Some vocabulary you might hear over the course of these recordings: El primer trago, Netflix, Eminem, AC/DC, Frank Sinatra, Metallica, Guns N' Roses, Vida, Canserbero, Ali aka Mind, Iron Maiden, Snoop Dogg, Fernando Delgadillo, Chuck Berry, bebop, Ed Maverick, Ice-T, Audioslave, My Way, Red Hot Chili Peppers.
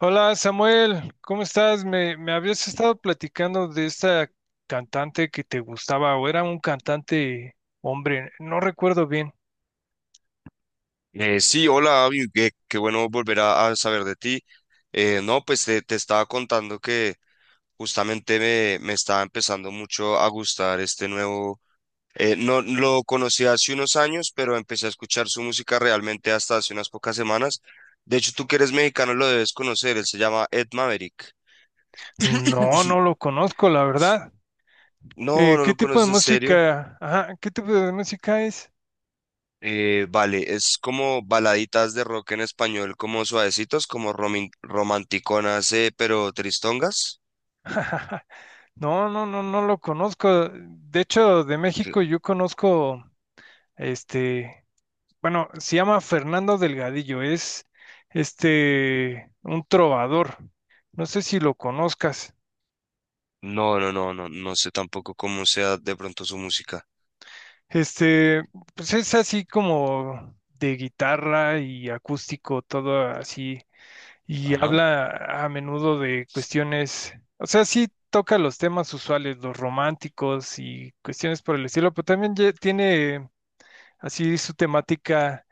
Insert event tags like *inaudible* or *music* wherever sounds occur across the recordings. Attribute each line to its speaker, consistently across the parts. Speaker 1: Hola Samuel, ¿cómo estás? Me habías estado platicando de esta cantante que te gustaba o era un cantante hombre, no recuerdo bien.
Speaker 2: Sí, hola, Abby, qué bueno volver a saber de ti. No, pues te estaba contando que justamente me estaba empezando mucho a gustar este nuevo, no lo conocí hace unos años, pero empecé a escuchar su música realmente hasta hace unas pocas semanas. De hecho, tú que eres mexicano lo debes conocer, él se llama Ed Maverick.
Speaker 1: No,
Speaker 2: *laughs*
Speaker 1: no lo conozco, la verdad.
Speaker 2: No, no
Speaker 1: ¿Qué
Speaker 2: lo
Speaker 1: tipo de
Speaker 2: conoces, ¿en serio?
Speaker 1: música? Ajá, ¿qué tipo de música es?
Speaker 2: Vale, es como baladitas de rock en español, como suavecitos, como romanticonas, pero tristongas.
Speaker 1: *laughs* No, no, no, no lo conozco. De hecho, de México
Speaker 2: Ok.
Speaker 1: yo conozco, este, bueno, se llama Fernando Delgadillo, es un trovador. No sé si lo conozcas.
Speaker 2: No, no, no, no, no sé tampoco cómo sea de pronto su música.
Speaker 1: Este, pues es así como de guitarra y acústico, todo así, y
Speaker 2: Ajá.
Speaker 1: habla a menudo de cuestiones, o sea, sí toca los temas usuales, los románticos y cuestiones por el estilo, pero también tiene así su temática,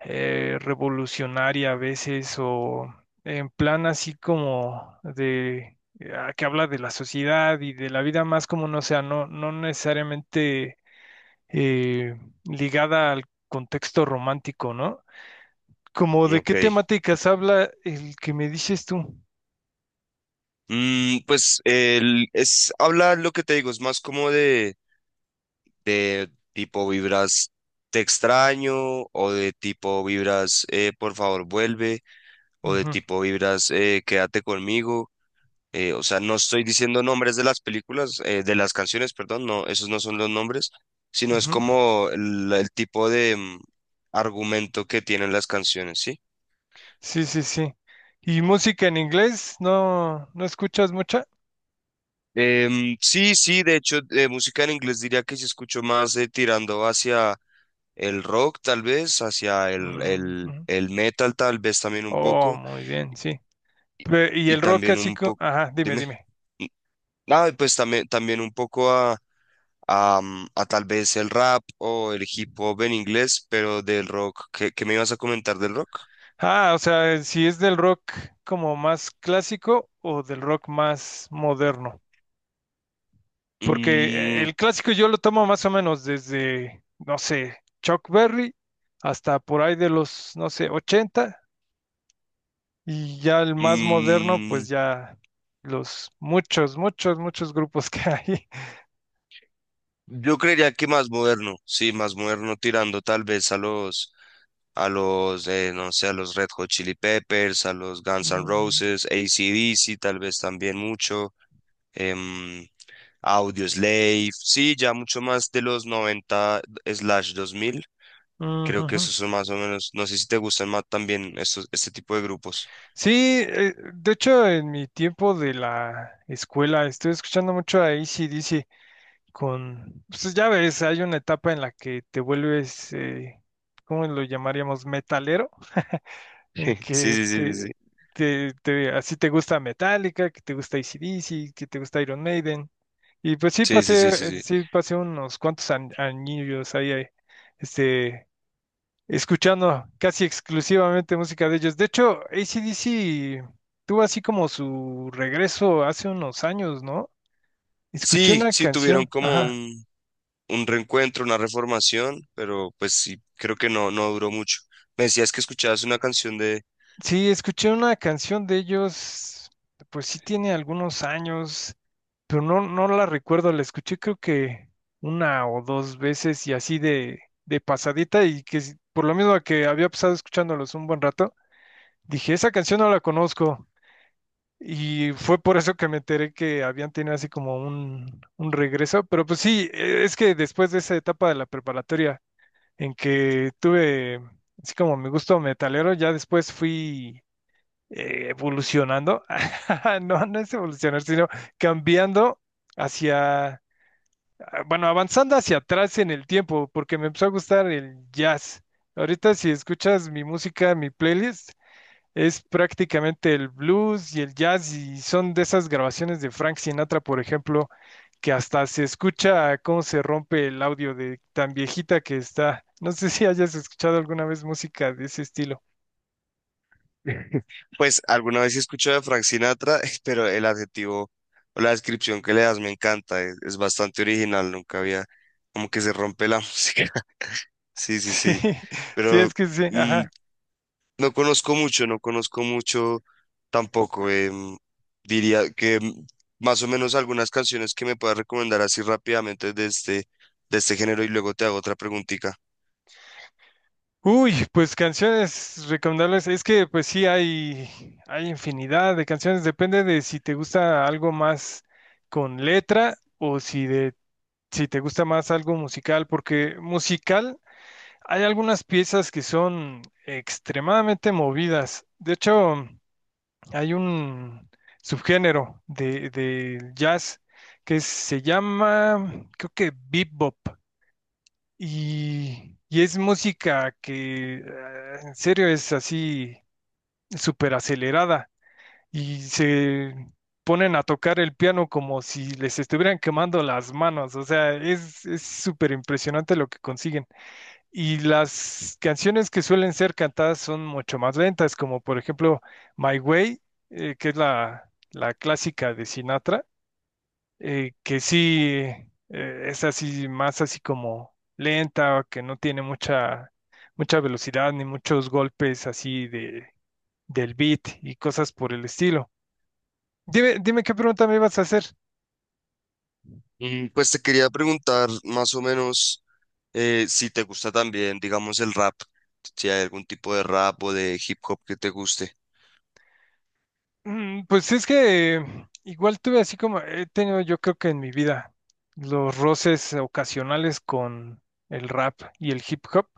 Speaker 1: revolucionaria a veces, o en plan así como de que habla de la sociedad y de la vida, más como no sea, no, no necesariamente eh, ligada al contexto romántico, ¿no? Como de
Speaker 2: Ok.
Speaker 1: qué temáticas habla el que me dices tú.
Speaker 2: Pues él es, habla lo que te digo, es más como de tipo vibras te extraño, o de tipo vibras, por favor vuelve, o de
Speaker 1: Ujú,
Speaker 2: tipo vibras, quédate conmigo. O sea, no estoy diciendo nombres de las películas, de las canciones, perdón, no, esos no son los nombres, sino es
Speaker 1: ujú.
Speaker 2: como el tipo de argumento que tienen las canciones, ¿sí?
Speaker 1: Sí, sí, sí. ¿Y música en inglés? ¿No, no escuchas mucha?
Speaker 2: Sí, sí, de hecho, de música en inglés diría que sí escucho más, tirando hacia el rock, tal vez, hacia el,
Speaker 1: Mm,
Speaker 2: el,
Speaker 1: ujú.
Speaker 2: el metal, tal vez también un
Speaker 1: Oh,
Speaker 2: poco.
Speaker 1: muy bien, sí. Y
Speaker 2: Y
Speaker 1: el rock
Speaker 2: también un
Speaker 1: clásico,
Speaker 2: poco,
Speaker 1: ajá, dime,
Speaker 2: dime,
Speaker 1: dime.
Speaker 2: nada, pues también, también un poco a tal vez el rap o el hip hop en inglés, pero del rock, ¿qué me ibas a comentar del rock?
Speaker 1: Ah, o sea, si es del rock como más clásico o del rock más moderno. Porque
Speaker 2: Mm,
Speaker 1: el clásico yo lo tomo más o menos desde, no sé, Chuck Berry hasta por ahí de los, no sé, 80. Y ya el más moderno, pues
Speaker 2: mm,
Speaker 1: ya los muchos grupos *laughs* que hay.
Speaker 2: yo creería que más moderno, sí, más moderno tirando tal vez no sé, a los Red Hot Chili Peppers, a los Guns N'
Speaker 1: Mm,
Speaker 2: Roses, AC/DC, tal vez también mucho. em, Audioslave, sí, ya mucho más de los noventa/dos mil. Creo que
Speaker 1: ujujú.
Speaker 2: esos son más o menos. No sé si te gustan más también estos, este tipo de grupos.
Speaker 1: Sí, de hecho en mi tiempo de la escuela estuve escuchando mucho a AC/DC. Con, pues ya ves, hay una etapa en la que te vuelves, ¿cómo lo llamaríamos? Metalero, en
Speaker 2: *laughs* Sí,
Speaker 1: que
Speaker 2: sí, sí, sí, sí.
Speaker 1: así te gusta Metallica, que te gusta AC/DC, que te gusta Iron Maiden. Y pues
Speaker 2: Sí, sí, sí, sí, sí.
Speaker 1: sí pasé unos cuantos añillos ahí, este, escuchando casi exclusivamente música de ellos. De hecho, AC/DC tuvo así como su regreso hace unos años, ¿no? Escuché
Speaker 2: Sí,
Speaker 1: una
Speaker 2: sí tuvieron
Speaker 1: canción,
Speaker 2: como
Speaker 1: ajá.
Speaker 2: un reencuentro, una reformación, pero pues sí, creo que no, no duró mucho. Me decías que escuchabas una canción de...
Speaker 1: Sí, escuché una canción de ellos, pues sí tiene algunos años, pero no, no la recuerdo, la escuché creo que una o dos veces y así de pasadita y que por lo mismo que había pasado escuchándolos un buen rato, dije, esa canción no la conozco y fue por eso que me enteré que habían tenido así como un regreso, pero pues sí, es que después de esa etapa de la preparatoria en que tuve así como mi gusto metalero, ya después fui evolucionando, *laughs* no, no es evolucionar, sino cambiando hacia, bueno, avanzando hacia atrás en el tiempo, porque me empezó a gustar el jazz. Ahorita si escuchas mi música, mi playlist, es prácticamente el blues y el jazz y son de esas grabaciones de Frank Sinatra, por ejemplo, que hasta se escucha cómo se rompe el audio de tan viejita que está. No sé si hayas escuchado alguna vez música de ese estilo. *laughs*
Speaker 2: *laughs* Pues alguna vez he escuchado de Frank Sinatra, *laughs* pero el adjetivo o la descripción que le das me encanta, es bastante original, nunca había, como que se rompe la *laughs* música. Sí, sí,
Speaker 1: Sí,
Speaker 2: sí.
Speaker 1: sí,
Speaker 2: Pero
Speaker 1: es que sí,
Speaker 2: mm,
Speaker 1: ajá.
Speaker 2: no conozco mucho, no conozco mucho tampoco. Diría que más o menos algunas canciones que me puedas recomendar así rápidamente de este género, y luego te hago otra preguntita.
Speaker 1: Uy, pues canciones recomendables. Es que pues sí hay infinidad de canciones. Depende de si te gusta algo más con letra o si de, si te gusta más algo musical, porque musical hay algunas piezas que son extremadamente movidas. De hecho, hay un subgénero de, del jazz que se llama, creo que bebop. Y es música que en serio es así súper acelerada y se ponen a tocar el piano como si les estuvieran quemando las manos, o sea, es súper impresionante lo que consiguen. Y las canciones que suelen ser cantadas son mucho más lentas, como por ejemplo My Way, que es la, la clásica de Sinatra, que sí, es así, más así como lenta, que no tiene mucha, mucha velocidad ni muchos golpes así de, del beat y cosas por el estilo. Dime, dime qué pregunta me ibas a hacer.
Speaker 2: Pues te quería preguntar más o menos, si te gusta también, digamos, el rap, si hay algún tipo de rap o de hip hop que te guste.
Speaker 1: Mm, pues es que igual tuve así como he tenido yo creo que en mi vida los roces ocasionales con el rap y el hip hop.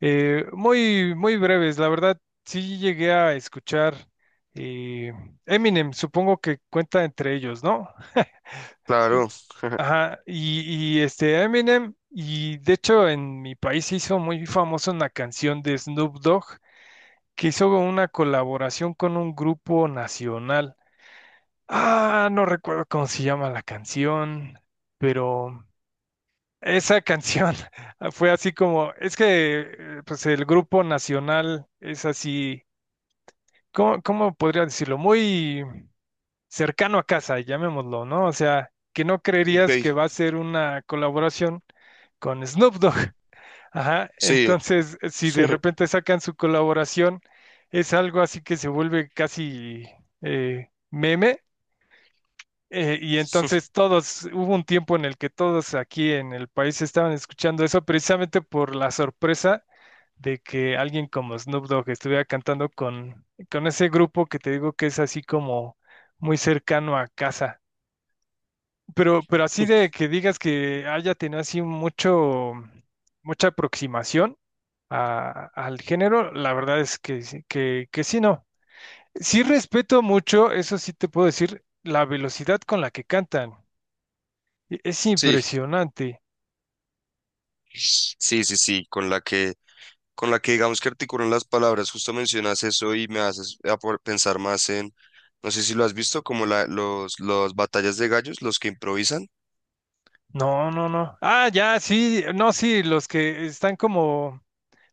Speaker 1: Muy, muy breves, la verdad, sí llegué a escuchar eh, Eminem, supongo que cuenta entre ellos, ¿no? Eh,
Speaker 2: Claro,
Speaker 1: ajá, y, este Eminem, y de hecho en mi país se hizo muy famosa una canción de Snoop Dogg que hizo una colaboración con un grupo nacional. Ah, no recuerdo cómo se llama la canción, pero esa canción *laughs* fue así como, es que pues el grupo nacional es así ¿cómo, cómo podría decirlo? Muy cercano a casa, llamémoslo, ¿no? O sea, que no
Speaker 2: ok,
Speaker 1: creerías que va a ser una colaboración con Snoop Dogg. *laughs* Ajá.
Speaker 2: sí,
Speaker 1: Entonces, si de
Speaker 2: *laughs*
Speaker 1: repente sacan su colaboración, es algo así que se vuelve casi meme. Y
Speaker 2: sí,
Speaker 1: entonces todos, hubo un tiempo en el que todos aquí en el país estaban escuchando eso precisamente por la sorpresa de que alguien como Snoop Dogg estuviera cantando con ese grupo que te digo que es así como muy cercano a casa. Pero así de que digas que haya tenido así mucho, mucha aproximación al género, la verdad es que, que sí, no. Sí respeto mucho, eso sí te puedo decir, la velocidad con la que cantan. Es impresionante.
Speaker 2: sí, sí, sí, con la que digamos que articulan las palabras, justo mencionas eso y me haces pensar más en, no sé si lo has visto, como los batallas de gallos, los que improvisan.
Speaker 1: No, no, no. Ah, ya, sí, no, sí, los que están como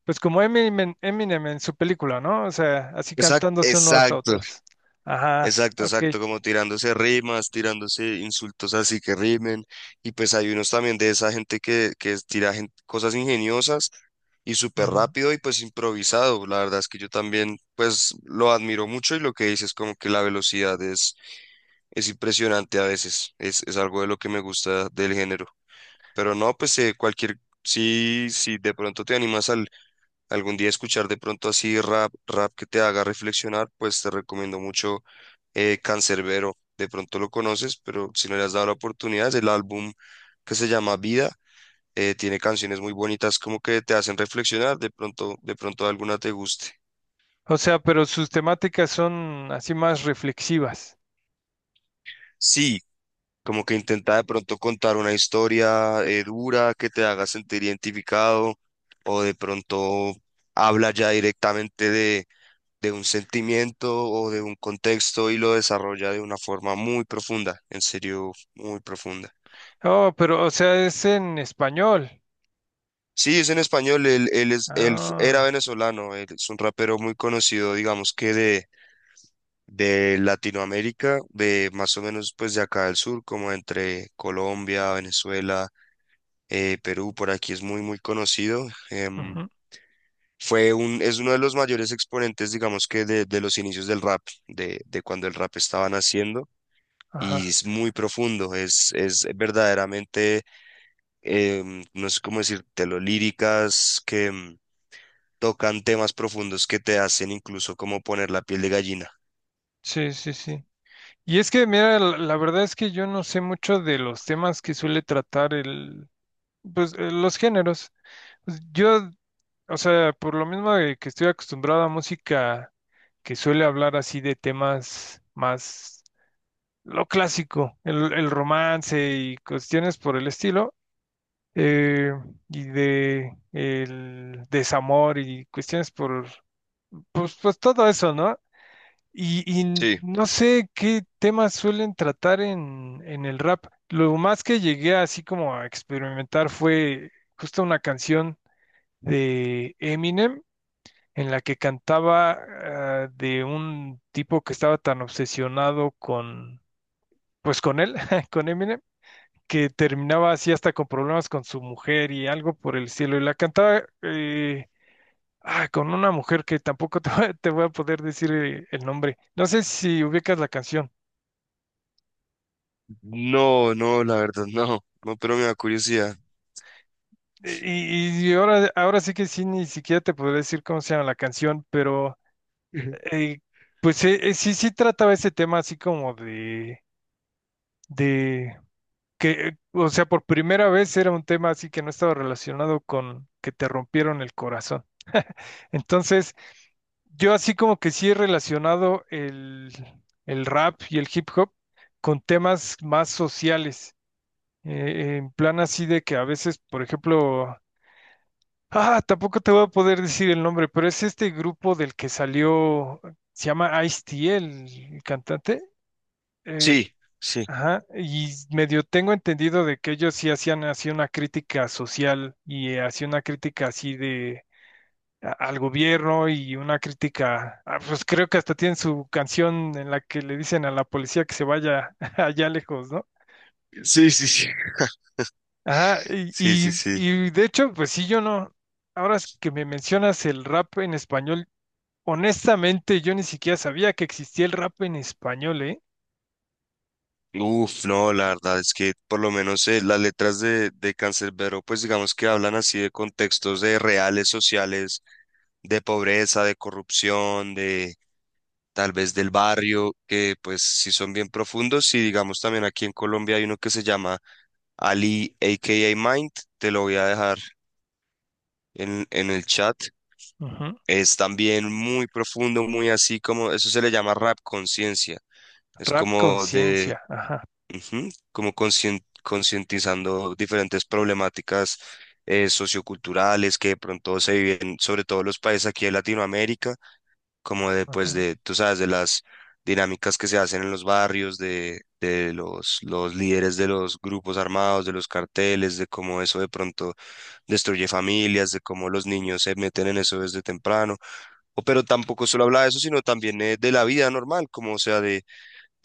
Speaker 1: pues como Eminem, Eminem en su película, ¿no? O sea, así
Speaker 2: Exacto,
Speaker 1: cantándose unos a
Speaker 2: exacto,
Speaker 1: otros. Ajá,
Speaker 2: exacto,
Speaker 1: ok.
Speaker 2: exacto, como tirándose rimas, tirándose insultos así que rimen, y pues hay unos también de esa gente que tira cosas ingeniosas y súper
Speaker 1: Ujú.
Speaker 2: rápido y pues improvisado. La verdad es que yo también pues lo admiro mucho, y lo que dices como que la velocidad es impresionante a veces, es algo de lo que me gusta del género. Pero no, pues cualquier, si de pronto te animas algún día a escuchar de pronto así rap, rap que te haga reflexionar, pues te recomiendo mucho, Canserbero. De pronto lo conoces, pero si no le has dado la oportunidad, es el álbum que se llama Vida. Tiene canciones muy bonitas como que te hacen reflexionar, de pronto alguna te guste.
Speaker 1: O sea, pero sus temáticas son así más reflexivas.
Speaker 2: Sí, como que intenta de pronto contar una historia, dura, que te haga sentir identificado, o de pronto habla ya directamente de un sentimiento o de un contexto, y lo desarrolla de una forma muy profunda, en serio, muy profunda.
Speaker 1: Oh, pero, o sea, es en español.
Speaker 2: Sí, es en español, él es, él fu- era
Speaker 1: Ah,
Speaker 2: venezolano, él es un rapero muy conocido, digamos que de Latinoamérica, de más o menos pues de acá del sur, como entre Colombia, Venezuela. Perú por aquí es muy, muy conocido. em,
Speaker 1: ujú,
Speaker 2: fue un, es uno de los mayores exponentes, digamos que de los inicios del rap, de cuando el rap estaba naciendo.
Speaker 1: ajá.
Speaker 2: Y es muy profundo, es verdaderamente, no sé cómo decírtelo, líricas que tocan temas profundos que te hacen incluso como poner la piel de gallina.
Speaker 1: Sí, sí, sí. Y es que, mira, la verdad es que yo no sé mucho de los temas que suele tratar el, pues, los géneros. Pues, yo, o sea, por lo mismo de que estoy acostumbrado a música que suele hablar así de temas más lo clásico, el romance y cuestiones por el estilo, eh, y de el desamor y cuestiones por, pues, pues todo eso, ¿no? Y
Speaker 2: Sí,
Speaker 1: no sé qué temas suelen tratar en el rap. Lo más que llegué así como a experimentar fue justo una canción de Eminem en la que cantaba ah, de un tipo que estaba tan obsesionado con, pues con él, *laughs* con Eminem, que terminaba así hasta con problemas con su mujer y algo por el cielo. Y la cantaba con una mujer que tampoco *laughs* voy a te voy a poder decir el nombre. No sé si ubicas la canción.
Speaker 2: no, no, la verdad, no, no, pero me da curiosidad.
Speaker 1: Y ahora, ahora sí que sí, ni siquiera te podré decir cómo se llama la canción, pero eh, sí, sí trataba ese tema así como de que, o sea, por primera vez era un tema así que no estaba relacionado con que te rompieron el corazón. Entonces, yo así como que sí he relacionado el rap y el hip hop con temas más sociales, en plan así de que a veces, por ejemplo, ah, tampoco te voy a poder decir el nombre, pero es este grupo del que salió, se llama Ice-T, el cantante. Eh,
Speaker 2: Sí, sí,
Speaker 1: Ajá, y medio tengo entendido de que ellos sí hacían así una crítica social y hacían una crítica así de al gobierno y una crítica, ah, pues creo que hasta tienen su canción en la que le dicen a la policía que se vaya *laughs* allá lejos, ¿no?
Speaker 2: sí, sí, sí, *laughs*
Speaker 1: Ajá,
Speaker 2: sí, sí, sí.
Speaker 1: y de hecho, pues sí, yo no, ahora es que me mencionas el rap en español, honestamente yo ni siquiera sabía que existía el rap en español, ¿eh?
Speaker 2: Uf, no, la verdad es que por lo menos, las letras de Canserbero, pues digamos que hablan así de contextos de reales sociales, de pobreza, de corrupción, de tal vez del barrio, que pues sí son bien profundos. Y digamos también aquí en Colombia hay uno que se llama Ali, aka Mind, te lo voy a dejar en el chat.
Speaker 1: Ujú,
Speaker 2: Es también muy profundo, muy así como, eso se le llama rap conciencia. Es
Speaker 1: rap
Speaker 2: como de...
Speaker 1: conciencia, ajá,
Speaker 2: Ujú, como concientizando diferentes problemáticas, socioculturales, que de pronto se viven, sobre todo los países aquí de Latinoamérica, como de,
Speaker 1: ajá,
Speaker 2: pues, de, tú sabes, de las dinámicas que se hacen en los barrios, de los líderes de los grupos armados, de los carteles, de cómo eso de pronto destruye familias, de cómo los niños se meten en eso desde temprano. O, pero tampoco solo habla de eso, sino también, de la vida normal, como o sea, de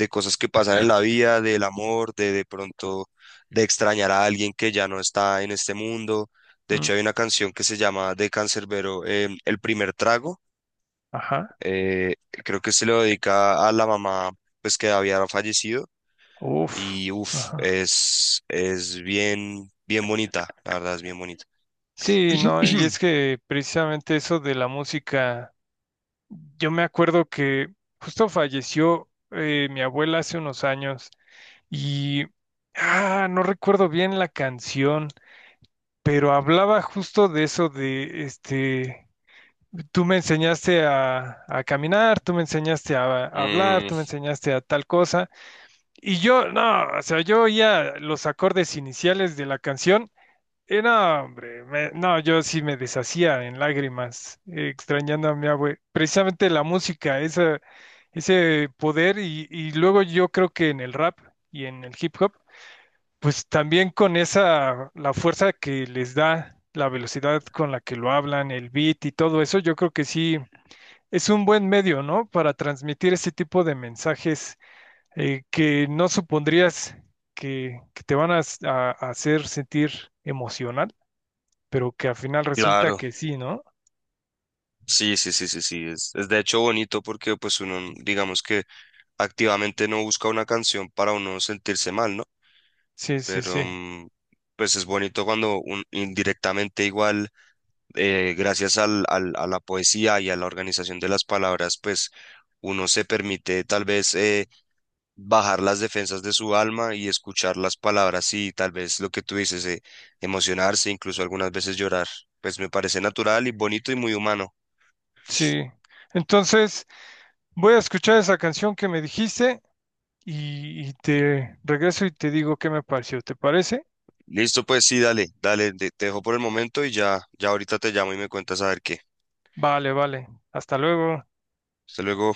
Speaker 2: cosas que pasan en la vida, del amor, de pronto de extrañar a alguien que ya no está en este mundo. De
Speaker 1: mm,
Speaker 2: hecho, hay una canción que se llama de Canserbero, El primer trago.
Speaker 1: ajá.
Speaker 2: eh, Creo que se lo dedica a la mamá, pues que había fallecido.
Speaker 1: Uf,
Speaker 2: Y uff,
Speaker 1: ajá.
Speaker 2: es bien, bien bonita, la verdad es bien bonita.
Speaker 1: Sí, no, y
Speaker 2: *clears throat*
Speaker 1: es que precisamente eso de la música, yo me acuerdo que justo falleció mi abuela hace unos años y, ah, no recuerdo bien la canción, pero hablaba justo de eso de, este, tú me enseñaste a caminar, tú me enseñaste a hablar,
Speaker 2: Mm,
Speaker 1: tú me enseñaste a tal cosa, y yo, no, o sea, yo oía los acordes iniciales de la canción. No, hombre, no, yo sí me deshacía en lágrimas, extrañando a mi abue. Precisamente la música, esa, ese poder, y luego yo creo que en el rap y en el hip hop, pues también con esa, la fuerza que les da, la velocidad con la que lo hablan, el beat y todo eso, yo creo que sí es un buen medio, ¿no? Para transmitir ese tipo de mensajes que no supondrías que te van a a hacer sentir emocional, pero que al final resulta
Speaker 2: claro,
Speaker 1: que sí, ¿no?
Speaker 2: sí, sí, sí, sí, sí, es de hecho bonito, porque pues uno, digamos que activamente no busca una canción para uno sentirse mal, ¿no?
Speaker 1: Sí, sí,
Speaker 2: Pero
Speaker 1: sí,
Speaker 2: pues es bonito cuando indirectamente igual, gracias a la poesía y a la organización de las palabras, pues uno se permite tal vez, bajar las defensas de su alma y escuchar las palabras, y tal vez lo que tú dices, emocionarse, incluso algunas veces llorar. Pues me parece natural y bonito y muy humano.
Speaker 1: sí. Entonces, voy a escuchar esa canción que me dijiste y te regreso y te digo qué me pareció. ¿Te parece?
Speaker 2: Listo, pues sí, dale, dale, te dejo por el momento, y ya ahorita te llamo y me cuentas a ver qué.
Speaker 1: Vale, vale. Hasta luego.
Speaker 2: Hasta luego.